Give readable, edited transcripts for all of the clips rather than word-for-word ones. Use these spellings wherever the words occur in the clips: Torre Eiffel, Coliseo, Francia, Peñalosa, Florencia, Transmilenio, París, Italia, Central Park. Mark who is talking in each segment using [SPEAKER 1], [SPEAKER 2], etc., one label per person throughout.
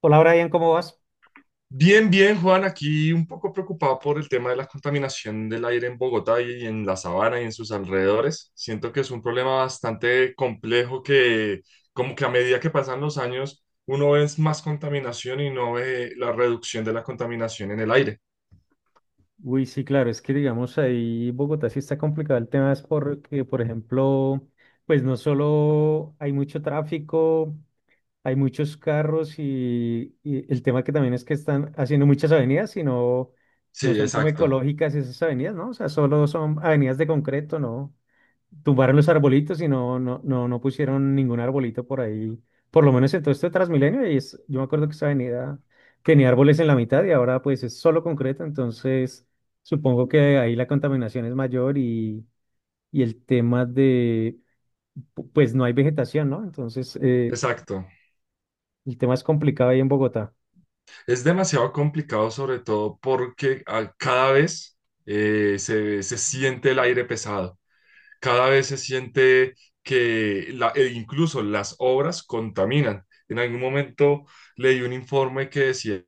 [SPEAKER 1] Hola Brian, ¿cómo vas?
[SPEAKER 2] Bien, bien, Juan, aquí un poco preocupado por el tema de la contaminación del aire en Bogotá y en la sabana y en sus alrededores. Siento que es un problema bastante complejo que como que a medida que pasan los años uno ve más contaminación y no ve la reducción de la contaminación en el aire.
[SPEAKER 1] Uy, sí, claro, es que digamos ahí Bogotá sí está complicado el tema, es porque, por ejemplo, pues no solo hay mucho tráfico, hay muchos carros y el tema que también es que están haciendo muchas avenidas, sino no
[SPEAKER 2] Sí,
[SPEAKER 1] son como
[SPEAKER 2] exacto,
[SPEAKER 1] ecológicas esas avenidas, ¿no? O sea, solo son avenidas de concreto, ¿no? Tumbaron los arbolitos y no, no, no, no pusieron ningún arbolito por ahí. Por lo menos en todo este Transmilenio, y es, yo me acuerdo que esa avenida tenía árboles en la mitad y ahora pues es solo concreto, entonces supongo que ahí la contaminación es mayor y el tema de, pues no hay vegetación, ¿no? Entonces
[SPEAKER 2] exacto.
[SPEAKER 1] el tema es complicado ahí en Bogotá.
[SPEAKER 2] Es demasiado complicado sobre todo porque cada vez se siente el aire pesado. Cada vez se siente e incluso las obras contaminan. En algún momento leí un informe que decía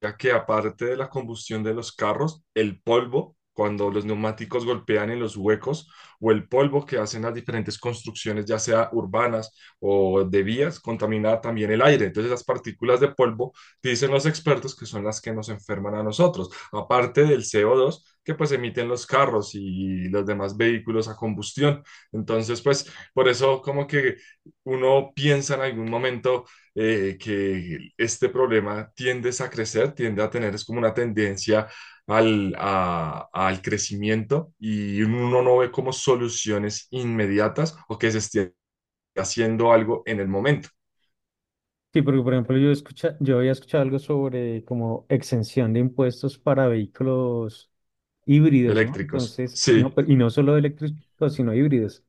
[SPEAKER 2] ya que aparte de la combustión de los carros, el polvo, cuando los neumáticos golpean en los huecos, o el polvo que hacen las diferentes construcciones, ya sea urbanas o de vías, contamina también el aire. Entonces, las partículas de polvo, dicen los expertos, que son las que nos enferman a nosotros, aparte del CO2 que pues emiten los carros y los demás vehículos a combustión. Entonces, pues por eso como que uno piensa en algún momento que este problema tiende a crecer, tiende a tener, es como una tendencia al crecimiento y uno no ve como soluciones inmediatas o que se esté haciendo algo en el momento.
[SPEAKER 1] Sí, porque por ejemplo yo escucha, yo había escuchado algo sobre como exención de impuestos para vehículos híbridos, ¿no?
[SPEAKER 2] Eléctricos.
[SPEAKER 1] Entonces,
[SPEAKER 2] Sí,
[SPEAKER 1] no, pero y no solo eléctricos, sino híbridos.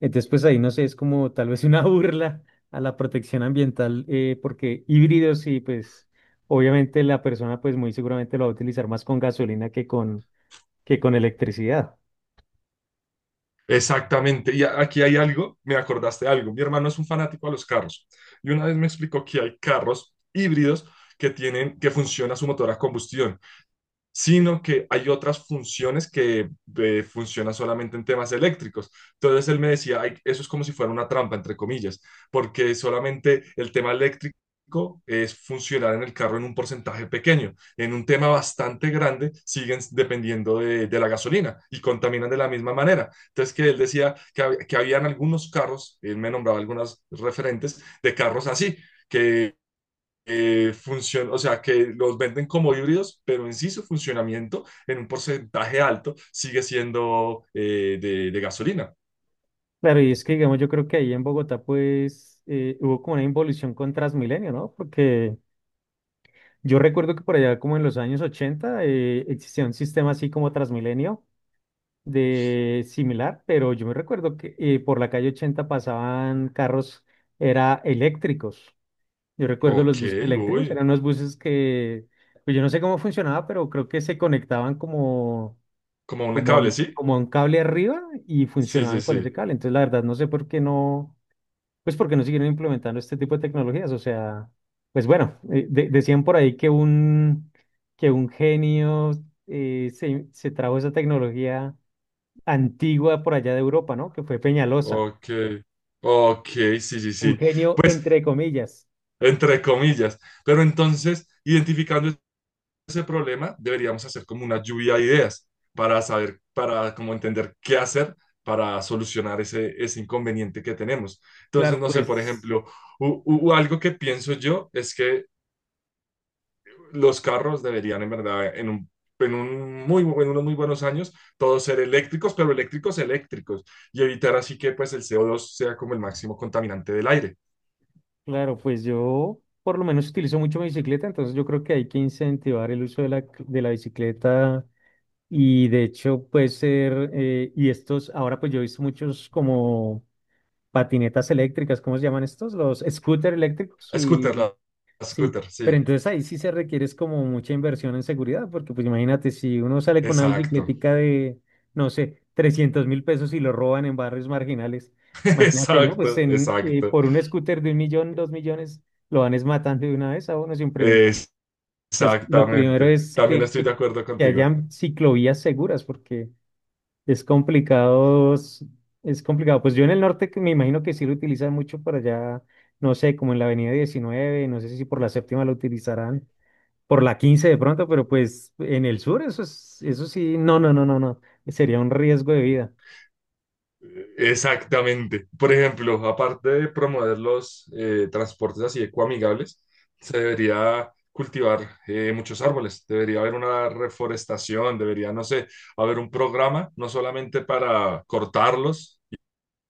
[SPEAKER 1] Entonces, pues ahí no sé, es como tal vez una burla a la protección ambiental, porque híbridos y pues obviamente la persona pues muy seguramente lo va a utilizar más con gasolina que con electricidad.
[SPEAKER 2] exactamente. Aquí hay algo, me acordaste de algo. Mi hermano es un fanático a los carros y una vez me explicó que hay carros híbridos que tienen, que funciona su motor a combustión, sino que hay otras funciones que funcionan solamente en temas eléctricos. Entonces él me decía: "Ay, eso es como si fuera una trampa, entre comillas, porque solamente el tema eléctrico es funcionar en el carro en un porcentaje pequeño. En un tema bastante grande siguen dependiendo de la gasolina y contaminan de la misma manera". Entonces, que él decía que que habían algunos carros, él me nombraba algunas referentes de carros así, que o sea, que los venden como híbridos, pero en sí su funcionamiento en un porcentaje alto sigue siendo de gasolina.
[SPEAKER 1] Claro, y es que digamos, yo creo que ahí en Bogotá pues hubo como una involución con Transmilenio, ¿no? Porque yo recuerdo que por allá como en los años 80 existía un sistema así como Transmilenio de similar, pero yo me recuerdo que por la calle 80 pasaban carros, era eléctricos. Yo recuerdo
[SPEAKER 2] Ok,
[SPEAKER 1] los buses eléctricos,
[SPEAKER 2] uy,
[SPEAKER 1] eran unos buses que, pues yo no sé cómo funcionaba, pero creo que se conectaban como,
[SPEAKER 2] como un cable, ¿sí?
[SPEAKER 1] como a un cable arriba y
[SPEAKER 2] Sí, sí,
[SPEAKER 1] funcionaban con ese
[SPEAKER 2] sí.
[SPEAKER 1] cable. Entonces la verdad no sé por qué no. Pues porque no siguieron implementando este tipo de tecnologías. O sea, pues bueno, decían por ahí que que un genio se trajo esa tecnología antigua por allá de Europa, ¿no? Que fue Peñalosa.
[SPEAKER 2] Ok, ok, sí, sí,
[SPEAKER 1] Un
[SPEAKER 2] sí.
[SPEAKER 1] genio
[SPEAKER 2] Pues,
[SPEAKER 1] entre comillas.
[SPEAKER 2] entre comillas. Pero entonces, identificando ese problema, deberíamos hacer como una lluvia de ideas para saber, para como entender qué hacer para solucionar ese, ese inconveniente que tenemos. Entonces,
[SPEAKER 1] Claro,
[SPEAKER 2] no sé, por
[SPEAKER 1] pues,
[SPEAKER 2] ejemplo, algo que pienso yo es que los carros deberían, en verdad, en unos muy buenos años, todos ser eléctricos, pero eléctricos eléctricos, y evitar así que pues el CO2 sea como el máximo contaminante del aire.
[SPEAKER 1] yo por lo menos utilizo mucho mi bicicleta, entonces yo creo que hay que incentivar el uso de la bicicleta y de hecho puede ser, y estos, ahora pues yo he visto muchos como patinetas eléctricas, ¿cómo se llaman estos? Los scooters eléctricos y
[SPEAKER 2] Scooter, la
[SPEAKER 1] sí,
[SPEAKER 2] scooter,
[SPEAKER 1] pero
[SPEAKER 2] sí.
[SPEAKER 1] entonces ahí sí se requiere es como mucha inversión en seguridad, porque pues imagínate si uno sale con una
[SPEAKER 2] Exacto,
[SPEAKER 1] bicicletica de, no sé, 300.000 pesos y lo roban en barrios marginales, imagínate, ¿no? Pues
[SPEAKER 2] exacto,
[SPEAKER 1] en,
[SPEAKER 2] exacto.
[SPEAKER 1] por un scooter de 1.000.000, 2.000.000, lo van es matando de una vez a uno sin preguntar.
[SPEAKER 2] Eh,
[SPEAKER 1] Entonces, lo primero
[SPEAKER 2] Exactamente.
[SPEAKER 1] es
[SPEAKER 2] También estoy de acuerdo
[SPEAKER 1] que
[SPEAKER 2] contigo.
[SPEAKER 1] hayan ciclovías seguras, porque... Es complicado, es complicado. Pues yo en el norte que me imagino que sí lo utilizan mucho por allá, no sé, como en la avenida 19 no sé si por la séptima lo utilizarán, por la 15 de pronto, pero pues en el sur eso es, eso sí, no, no, no, no, no, sería un riesgo de vida.
[SPEAKER 2] Exactamente. Por ejemplo, aparte de promover los transportes así ecoamigables, se debería cultivar muchos árboles. Debería haber una reforestación, debería, no sé, haber un programa, no solamente para cortarlos,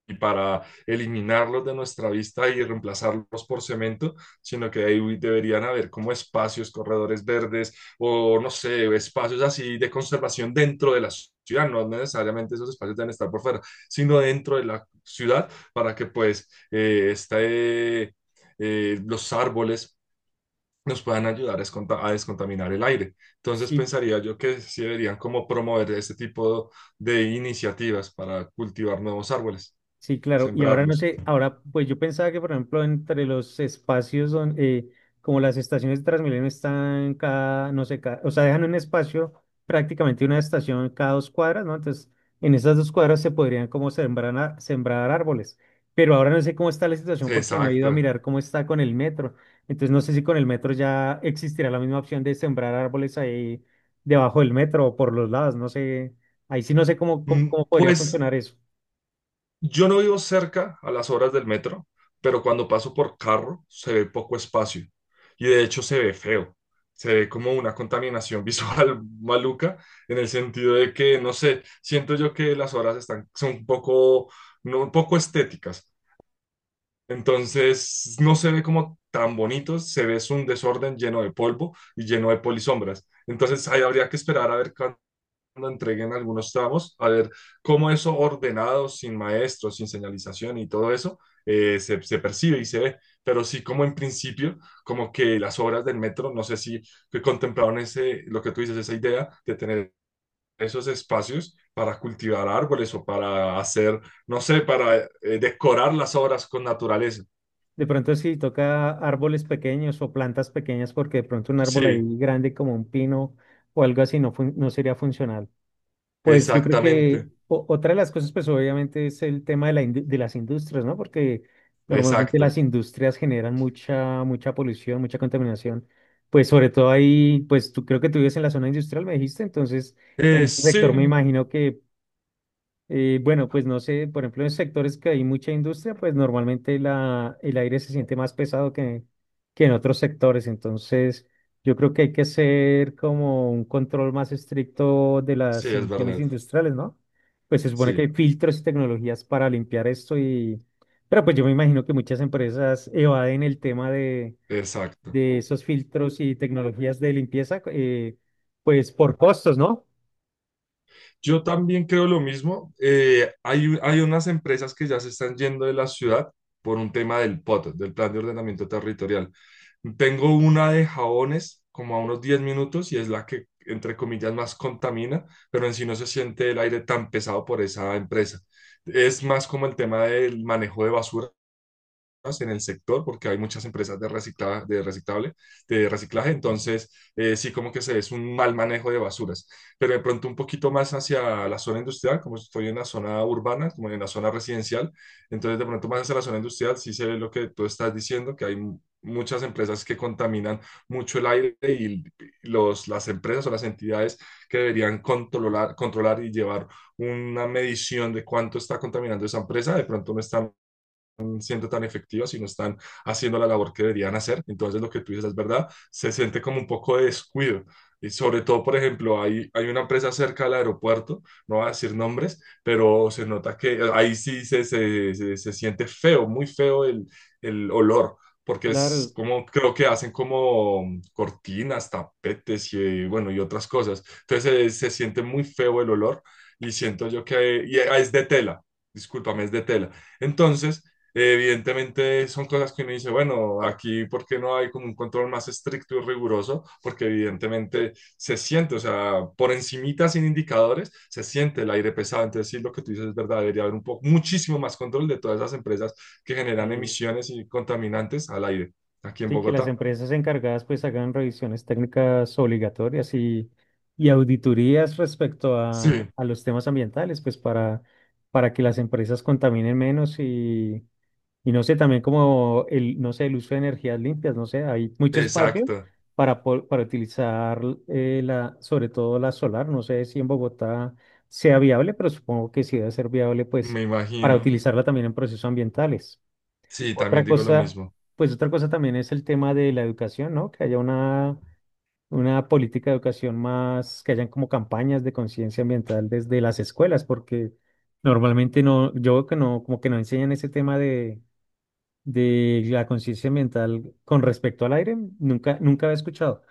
[SPEAKER 2] y para eliminarlos de nuestra vista y reemplazarlos por cemento, sino que ahí deberían haber como espacios, corredores verdes o no sé, espacios así de conservación dentro de la ciudad, no necesariamente esos espacios deben estar por fuera, sino dentro de la ciudad para que pues los árboles nos puedan ayudar a descontaminar el aire. Entonces
[SPEAKER 1] Sí,
[SPEAKER 2] pensaría yo que sí deberían como promover este tipo de iniciativas para cultivar nuevos árboles,
[SPEAKER 1] sí, claro. Y ahora no
[SPEAKER 2] sembrarlos.
[SPEAKER 1] sé, ahora pues yo pensaba que, por ejemplo, entre los espacios donde, como las estaciones de Transmilenio están cada, no sé, o sea, dejan un espacio prácticamente una estación cada dos cuadras, ¿no? Entonces, en esas dos cuadras se podrían como sembrar, sembrar árboles. Pero ahora no sé cómo está la situación porque no he ido a
[SPEAKER 2] Exacto.
[SPEAKER 1] mirar cómo está con el metro. Entonces, no sé si con el metro ya existirá la misma opción de sembrar árboles ahí debajo del metro o por los lados, no sé. Ahí sí no sé cómo podría
[SPEAKER 2] Pues
[SPEAKER 1] funcionar eso.
[SPEAKER 2] yo no vivo cerca a las horas del metro, pero cuando paso por carro se ve poco espacio y de hecho se ve feo. Se ve como una contaminación visual maluca en el sentido de que, no sé, siento yo que las horas están, son un poco, no, un poco estéticas. Entonces no se ve como tan bonito, se ve es un desorden lleno de polvo y lleno de polisombras. Entonces ahí habría que esperar a ver lo entreguen algunos tramos, a ver cómo eso ordenado, sin maestros, sin señalización y todo eso, se percibe y se ve. Pero sí, como en principio, como que las obras del metro, no sé si que contemplaron ese, lo que tú dices, esa idea de tener esos espacios para cultivar árboles o para hacer, no sé, para decorar las obras con naturaleza.
[SPEAKER 1] De pronto si toca árboles pequeños o plantas pequeñas porque de pronto un árbol
[SPEAKER 2] Sí,
[SPEAKER 1] ahí grande como un pino o algo así no, no sería funcional. Pues yo creo que
[SPEAKER 2] exactamente,
[SPEAKER 1] otra de las cosas pues obviamente es el tema de, de las industrias, ¿no? Porque normalmente las
[SPEAKER 2] exacto.
[SPEAKER 1] industrias generan mucha, mucha polución, mucha contaminación. Pues sobre todo ahí, pues tú creo que tú vives en la zona industrial, me dijiste, entonces en ese sector me
[SPEAKER 2] Sí,
[SPEAKER 1] imagino que bueno, pues no sé, por ejemplo, en sectores que hay mucha industria, pues normalmente la, el aire se siente más pesado que en otros sectores. Entonces, yo creo que hay que hacer como un control más estricto de
[SPEAKER 2] sí,
[SPEAKER 1] las
[SPEAKER 2] es
[SPEAKER 1] emisiones
[SPEAKER 2] verdad,
[SPEAKER 1] industriales, ¿no? Pues se supone que hay
[SPEAKER 2] sí,
[SPEAKER 1] filtros y tecnologías para limpiar esto y... Pero pues yo me imagino que muchas empresas evaden el tema
[SPEAKER 2] exacto.
[SPEAKER 1] de esos filtros y tecnologías de limpieza, pues por costos, ¿no?
[SPEAKER 2] Yo también creo lo mismo. Hay unas empresas que ya se están yendo de la ciudad por un tema del POT, del Plan de Ordenamiento Territorial. Tengo una de jabones como a unos 10 minutos y es la que, entre comillas, más contamina, pero en sí no se siente el aire tan pesado por esa empresa. Es más como el tema del manejo de basura en el sector porque hay muchas empresas de reciclaje, entonces sí como que se, es un mal manejo de basuras, pero de pronto un poquito más hacia la zona industrial, como estoy en la zona urbana, como en la zona residencial, entonces de pronto más hacia la zona industrial sí se ve lo que tú estás diciendo, que hay muchas empresas que contaminan mucho el aire y las empresas o las entidades que deberían controlar, controlar y llevar una medición de cuánto está contaminando esa empresa, de pronto no están siendo tan efectivas y no están haciendo la labor que deberían hacer. Entonces lo que tú dices es verdad, se siente como un poco de descuido. Y sobre todo, por ejemplo, hay una empresa cerca del aeropuerto, no voy a decir nombres, pero se nota que ahí sí se siente feo, muy feo el olor porque es
[SPEAKER 1] Claro.
[SPEAKER 2] como creo que hacen como cortinas, tapetes y bueno y otras cosas. Entonces se siente muy feo el olor y siento yo que y es de tela. Discúlpame, es de tela. Entonces, evidentemente son cosas que uno dice, bueno, aquí ¿por qué no hay como un control más estricto y riguroso? Porque evidentemente se siente, o sea, por encimita sin indicadores, se siente el aire pesado. Entonces sí, lo que tú dices es verdad, debería haber un poco, muchísimo más control de todas esas empresas que generan
[SPEAKER 1] eh,
[SPEAKER 2] emisiones y contaminantes al aire aquí en
[SPEAKER 1] sí, que las
[SPEAKER 2] Bogotá.
[SPEAKER 1] empresas encargadas pues hagan revisiones técnicas obligatorias y auditorías respecto
[SPEAKER 2] Sí,
[SPEAKER 1] a los temas ambientales, pues para que las empresas contaminen menos y no sé, también como el, no sé, el uso de energías limpias, no sé, hay mucho espacio
[SPEAKER 2] exacto,
[SPEAKER 1] para, para utilizar la, sobre todo la solar, no sé si en Bogotá sea viable, pero supongo que sí debe ser viable pues
[SPEAKER 2] me
[SPEAKER 1] para
[SPEAKER 2] imagino.
[SPEAKER 1] utilizarla también en procesos ambientales.
[SPEAKER 2] Sí, también
[SPEAKER 1] Otra
[SPEAKER 2] digo lo
[SPEAKER 1] cosa,
[SPEAKER 2] mismo.
[SPEAKER 1] pues otra cosa también es el tema de la educación, ¿no? Que haya una política de educación más, que hayan como campañas de conciencia ambiental desde las escuelas, porque normalmente no, yo veo que no, como que no enseñan ese tema de la conciencia ambiental con respecto al aire, nunca, nunca había escuchado.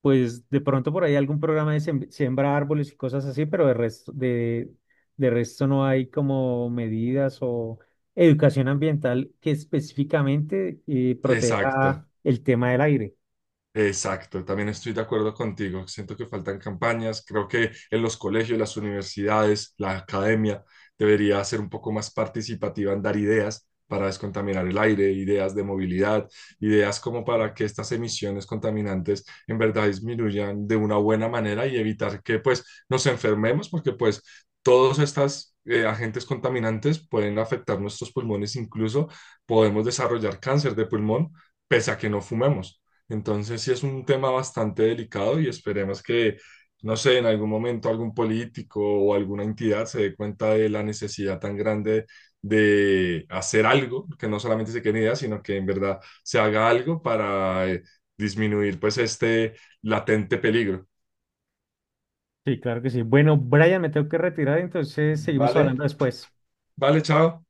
[SPEAKER 1] Pues de pronto por ahí algún programa de siembra árboles y cosas así, pero de resto no hay como medidas o educación ambiental que específicamente proteja
[SPEAKER 2] Exacto.
[SPEAKER 1] el tema del aire.
[SPEAKER 2] Exacto, también estoy de acuerdo contigo. Siento que faltan campañas. Creo que en los colegios, las universidades, la academia debería ser un poco más participativa en dar ideas para descontaminar el aire, ideas de movilidad, ideas como para que estas emisiones contaminantes en verdad disminuyan de una buena manera y evitar que pues nos enfermemos, porque pues todos estos agentes contaminantes pueden afectar nuestros pulmones, incluso podemos desarrollar cáncer de pulmón pese a que no fumemos. Entonces sí es un tema bastante delicado y esperemos que, no sé, en algún momento algún político o alguna entidad se dé cuenta de la necesidad tan grande de hacer algo, que no solamente se queden ideas, sino que en verdad se haga algo para disminuir pues este latente peligro.
[SPEAKER 1] Sí, claro que sí. Bueno, Brian, me tengo que retirar, entonces seguimos
[SPEAKER 2] Vale,
[SPEAKER 1] hablando después.
[SPEAKER 2] vale, chao.